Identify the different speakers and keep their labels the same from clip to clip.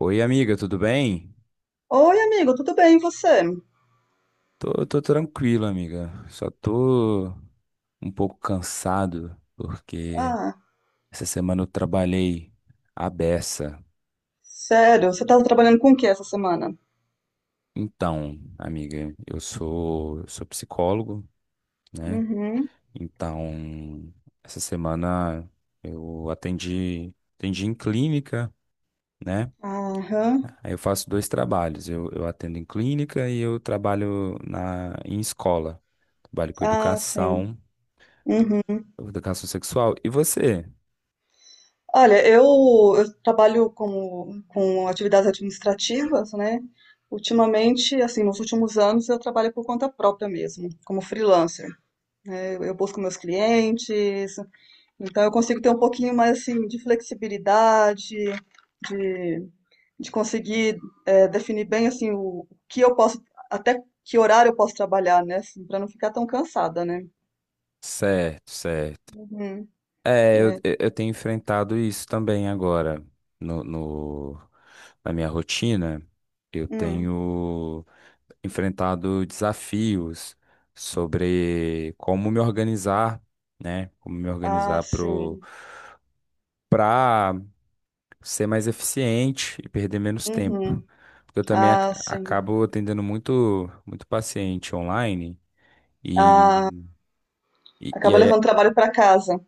Speaker 1: Oi, amiga, tudo bem?
Speaker 2: Oi, amigo, tudo bem, e você?
Speaker 1: Tô, tranquilo, amiga. Só tô um pouco cansado porque
Speaker 2: Ah,
Speaker 1: essa semana eu trabalhei à beça.
Speaker 2: sério, você tá trabalhando com o que essa semana?
Speaker 1: Então, amiga, eu sou psicólogo, né?
Speaker 2: Uhum.
Speaker 1: Então, essa semana eu atendi, atendi em clínica, né?
Speaker 2: Aham.
Speaker 1: Aí eu faço dois trabalhos. Eu atendo em clínica e eu trabalho em escola. Trabalho com
Speaker 2: Ah, sim.
Speaker 1: educação.
Speaker 2: Uhum.
Speaker 1: Educação sexual. E você?
Speaker 2: Olha, eu trabalho com atividades administrativas, né? Ultimamente, assim, nos últimos anos, eu trabalho por conta própria mesmo, como freelancer. Eu busco meus clientes, então eu consigo ter um pouquinho mais, assim, de flexibilidade, de de conseguir definir bem assim o que eu posso, até que horário eu posso trabalhar, né? Assim, para não ficar tão cansada, né?
Speaker 1: Certo, certo.
Speaker 2: Uhum,
Speaker 1: É, eu,
Speaker 2: é.
Speaker 1: eu eu tenho enfrentado isso também agora no, no- na minha rotina. Eu
Speaker 2: Hum.
Speaker 1: tenho enfrentado desafios sobre como me organizar, né? Como me
Speaker 2: Ah,
Speaker 1: organizar pro,
Speaker 2: sim.
Speaker 1: para ser mais eficiente e perder menos tempo.
Speaker 2: Uhum.
Speaker 1: Porque eu também
Speaker 2: Ah, sim.
Speaker 1: acabo atendendo muito, muito paciente online.
Speaker 2: Ah,
Speaker 1: E, e
Speaker 2: acaba
Speaker 1: aí
Speaker 2: levando trabalho para casa.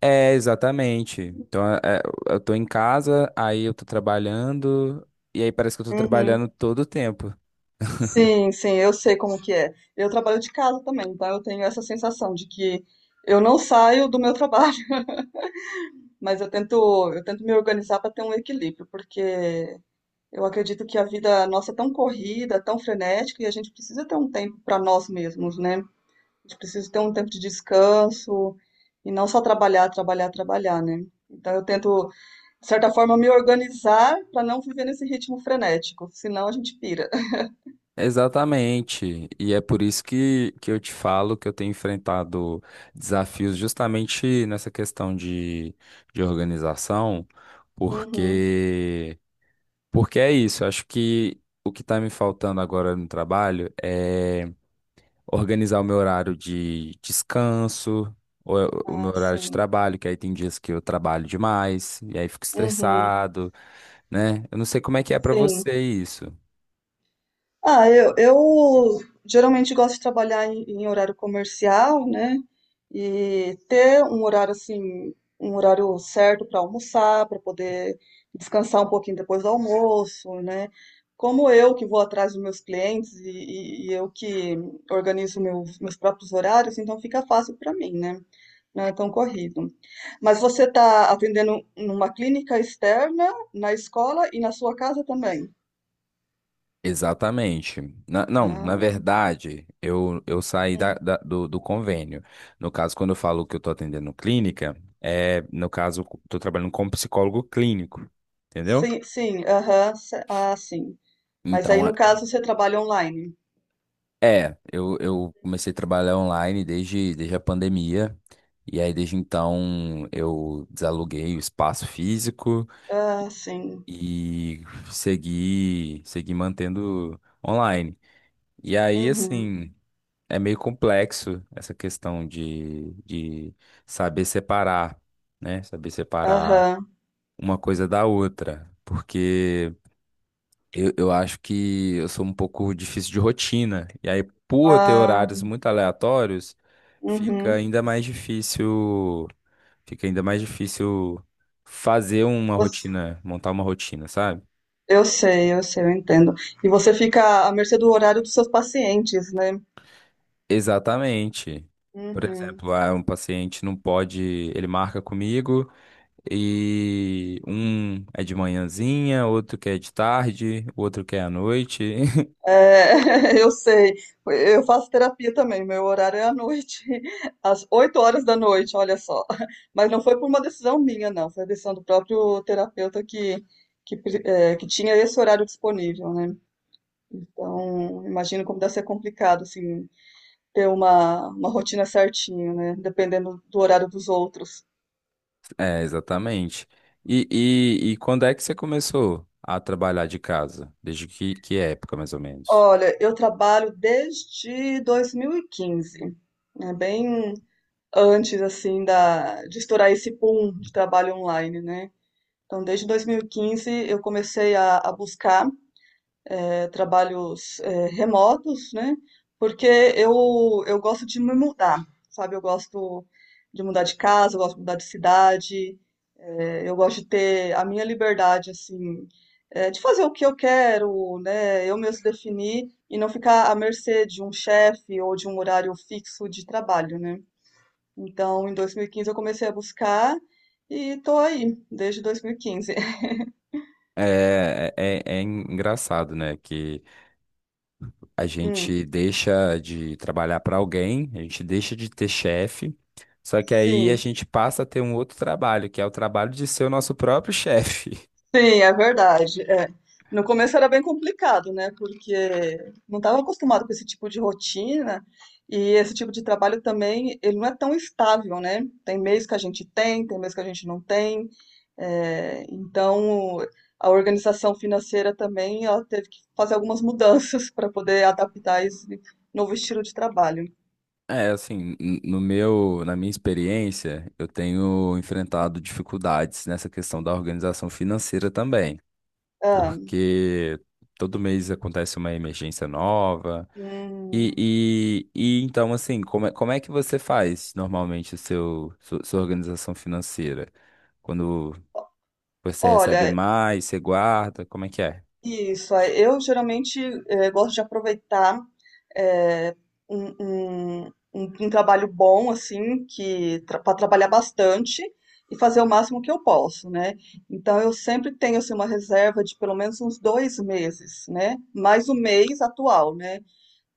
Speaker 1: É, exatamente. Então, eu tô em casa, aí eu tô trabalhando, e aí parece que eu tô
Speaker 2: Uhum.
Speaker 1: trabalhando todo o tempo.
Speaker 2: Sim, sim, eu sei como que é. Eu trabalho de casa também, então eu tenho essa sensação de que eu não saio do meu trabalho, mas eu tento me organizar para ter um equilíbrio, porque eu acredito que a vida nossa é tão corrida, tão frenética, e a gente precisa ter um tempo para nós mesmos, né? A gente precisa ter um tempo de descanso e não só trabalhar, trabalhar, trabalhar, né? Então eu tento, de certa forma, me organizar para não viver nesse ritmo frenético, senão a gente pira.
Speaker 1: Exatamente. E é por isso que eu te falo que eu tenho enfrentado desafios justamente nessa questão de organização,
Speaker 2: Uhum.
Speaker 1: porque, porque é isso. Eu acho que o que está me faltando agora no trabalho é organizar o meu horário de descanso, ou o meu
Speaker 2: Ah,
Speaker 1: horário de
Speaker 2: sim.
Speaker 1: trabalho, que aí tem dias que eu trabalho demais, e aí fico
Speaker 2: Uhum.
Speaker 1: estressado, né? Eu não sei como é que é pra
Speaker 2: Sim.
Speaker 1: você isso.
Speaker 2: Ah, eu geralmente gosto de trabalhar em horário comercial, né? E ter um horário assim, um horário certo para almoçar, para poder descansar um pouquinho depois do almoço, né? Como eu que vou atrás dos meus clientes e eu que organizo meus próprios horários, então fica fácil para mim, né? Não é tão corrido. Mas você está atendendo numa clínica externa, na escola e na sua casa também?
Speaker 1: Exatamente. Não, na
Speaker 2: Ah,
Speaker 1: verdade, eu saí
Speaker 2: hum.
Speaker 1: do, do convênio. No caso, quando eu falo que eu tô atendendo clínica, é, no caso, eu tô trabalhando como psicólogo clínico, entendeu?
Speaker 2: Sim, sim, aham, ah, sim. Mas aí
Speaker 1: Então,
Speaker 2: no caso você trabalha online.
Speaker 1: é, eu comecei a trabalhar online desde a pandemia. E aí, desde então, eu desaluguei o espaço físico
Speaker 2: Ah, sim.
Speaker 1: e segui mantendo online. E aí,
Speaker 2: Uhum,
Speaker 1: assim, é meio complexo essa questão de saber separar, né? Saber separar
Speaker 2: aham,
Speaker 1: uma coisa da outra. Porque eu acho que eu sou um pouco difícil de rotina. E aí, por ter
Speaker 2: ah,
Speaker 1: horários muito aleatórios, fica
Speaker 2: uhum.
Speaker 1: ainda mais difícil, fica ainda mais difícil fazer uma
Speaker 2: Você-
Speaker 1: rotina, montar uma rotina, sabe?
Speaker 2: Eu sei, eu sei, eu entendo. E você fica à mercê do horário dos seus pacientes, né?
Speaker 1: Exatamente. Por
Speaker 2: Uhum.
Speaker 1: exemplo, ah, um paciente não pode, ele marca comigo e um é de manhãzinha, outro quer de tarde, o outro quer à noite.
Speaker 2: É, eu sei. Eu faço terapia também. Meu horário é à noite, às 8 horas da noite, olha só. Mas não foi por uma decisão minha, não. Foi a decisão do próprio terapeuta que tinha esse horário disponível, né? Então, imagino como deve ser complicado, assim, ter uma rotina certinho, né? Dependendo do horário dos outros.
Speaker 1: É, exatamente. E quando é que você começou a trabalhar de casa? Desde que época, mais ou menos?
Speaker 2: Olha, eu trabalho desde 2015, né? Bem antes, assim, de estourar esse boom de trabalho online, né? Então, desde 2015, eu comecei a buscar trabalhos remotos, né? Porque eu, eu gosto de me mudar, sabe? Eu gosto de mudar de casa, eu gosto de mudar de cidade. É, eu gosto de ter a minha liberdade, assim, é, de fazer o que eu quero, né? Eu mesmo definir e não ficar à mercê de um chefe ou de um horário fixo de trabalho, né? Então, em 2015 eu comecei a buscar e tô aí desde 2015.
Speaker 1: É, é engraçado, né? Que a
Speaker 2: Hum,
Speaker 1: gente deixa de trabalhar para alguém, a gente deixa de ter chefe, só que aí a
Speaker 2: sim.
Speaker 1: gente passa a ter um outro trabalho, que é o trabalho de ser o nosso próprio chefe.
Speaker 2: Sim, é verdade. É. No começo era bem complicado, né? Porque não estava acostumado com esse tipo de rotina e esse tipo de trabalho também, ele não é tão estável, né? Tem mês que a gente tem, tem mês que a gente não tem. É, então, a organização financeira também, ela teve que fazer algumas mudanças para poder adaptar esse novo estilo de trabalho.
Speaker 1: É, assim, no meu, na minha experiência, eu tenho enfrentado dificuldades nessa questão da organização financeira também,
Speaker 2: Ah,
Speaker 1: porque todo mês acontece uma emergência nova.
Speaker 2: hum,
Speaker 1: Então, assim, como é que você faz normalmente o seu, sua organização financeira? Quando você recebe
Speaker 2: olha,
Speaker 1: mais, você guarda, como é que é?
Speaker 2: isso, é. Eu geralmente gosto de aproveitar eh, um, um- um trabalho bom, assim, que para trabalhar bastante e fazer o máximo que eu posso, né? Então eu sempre tenho assim, uma reserva de pelo menos uns 2 meses, né? Mais o mês atual, né?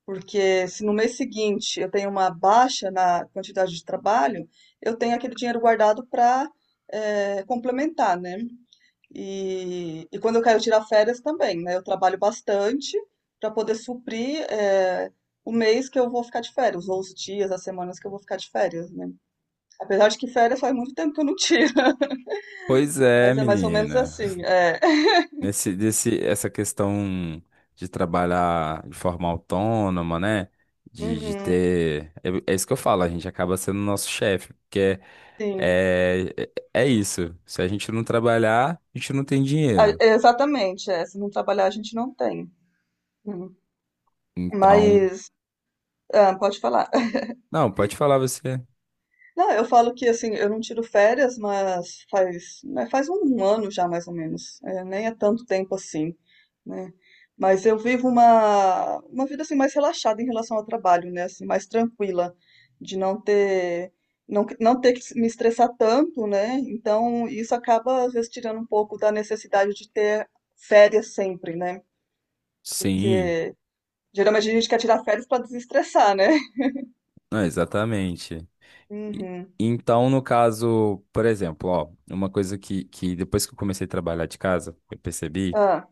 Speaker 2: Porque se no mês seguinte eu tenho uma baixa na quantidade de trabalho, eu tenho aquele dinheiro guardado para complementar, né? E quando eu quero tirar férias também, né? Eu trabalho bastante para poder suprir, o mês que eu vou ficar de férias, ou os dias, as semanas que eu vou ficar de férias, né? Apesar de que férias faz muito tempo que eu não tiro,
Speaker 1: Pois é,
Speaker 2: mas é mais ou menos
Speaker 1: menina.
Speaker 2: assim. É.
Speaker 1: Essa questão de trabalhar de forma autônoma, né? De
Speaker 2: Uhum,
Speaker 1: ter. É, é isso que eu falo, a gente acaba sendo nosso chefe, porque
Speaker 2: sim.
Speaker 1: é, é isso. Se a gente não trabalhar, a gente não tem
Speaker 2: Ah,
Speaker 1: dinheiro.
Speaker 2: exatamente, é. Se não trabalhar, a gente não tem. Uhum.
Speaker 1: Então.
Speaker 2: Mas, ah, pode falar.
Speaker 1: Não, pode falar você.
Speaker 2: Não, eu falo que assim, eu não tiro férias, mas faz, né, faz um ano já mais ou menos. É, nem é tanto tempo assim, né? Mas eu vivo uma vida assim mais relaxada em relação ao trabalho, né? Assim, mais tranquila, de não ter não, não ter que me estressar tanto, né? Então isso acaba às vezes tirando um pouco da necessidade de ter férias sempre, né?
Speaker 1: Sim,
Speaker 2: Porque geralmente a gente quer tirar férias para desestressar, né?
Speaker 1: não, exatamente. E
Speaker 2: Uhum.
Speaker 1: então, no caso, por exemplo, ó, uma coisa que depois que eu comecei a trabalhar de casa, eu percebi.
Speaker 2: Ah,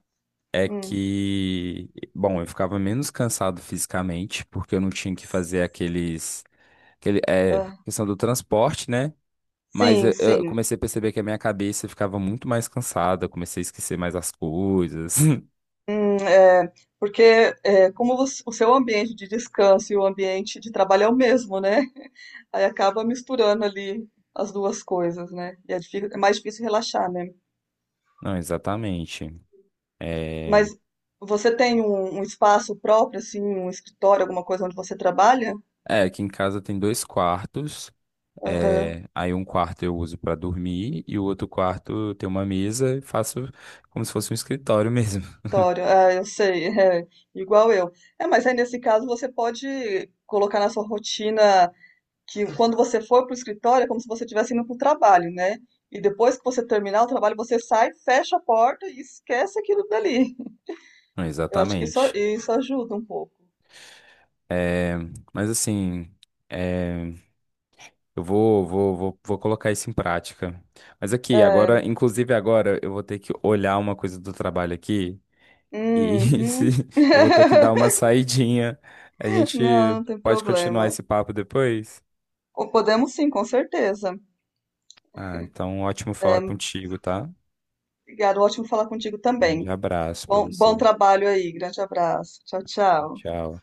Speaker 1: É
Speaker 2: hum,
Speaker 1: que, bom, eu ficava menos cansado fisicamente, porque eu não tinha que fazer aqueles, aquele, é,
Speaker 2: ah.
Speaker 1: questão do transporte, né? Mas
Speaker 2: Sim,
Speaker 1: eu
Speaker 2: sim.
Speaker 1: comecei a perceber que a minha cabeça ficava muito mais cansada, eu comecei a esquecer mais as coisas.
Speaker 2: É, porque é, como o seu ambiente de descanso e o ambiente de trabalho é o mesmo, né? Aí acaba misturando ali as duas coisas, né? E é, é mais difícil relaxar, né?
Speaker 1: Não, exatamente. É,
Speaker 2: Mas você tem um espaço próprio, assim, um escritório, alguma coisa onde você trabalha?
Speaker 1: é, aqui em casa tem dois quartos,
Speaker 2: Aham,
Speaker 1: é, aí um quarto eu uso para dormir e o outro quarto tem uma mesa e faço como se fosse um escritório mesmo.
Speaker 2: escritório, ah, eu sei, é, igual eu. É, mas aí nesse caso você pode colocar na sua rotina que quando você for para o escritório é como se você estivesse indo para o trabalho, né? E depois que você terminar o trabalho, você sai, fecha a porta e esquece aquilo dali.
Speaker 1: Não,
Speaker 2: Eu acho que isso,
Speaker 1: exatamente.
Speaker 2: isso ajuda um pouco.
Speaker 1: É, mas assim, é, eu vou colocar isso em prática. Mas aqui,
Speaker 2: É,
Speaker 1: agora, inclusive agora, eu vou ter que olhar uma coisa do trabalho aqui e
Speaker 2: uhum.
Speaker 1: se- eu vou ter que dar uma saidinha. A
Speaker 2: Não,
Speaker 1: gente
Speaker 2: não tem
Speaker 1: pode continuar
Speaker 2: problema.
Speaker 1: esse papo depois?
Speaker 2: Ou podemos sim, com certeza.
Speaker 1: Ah, então ótimo falar contigo, tá?
Speaker 2: Obrigada, ótimo falar contigo
Speaker 1: Um grande
Speaker 2: também.
Speaker 1: abraço pra
Speaker 2: Bom, bom
Speaker 1: você.
Speaker 2: trabalho aí, grande abraço. Tchau, tchau.
Speaker 1: Tchau.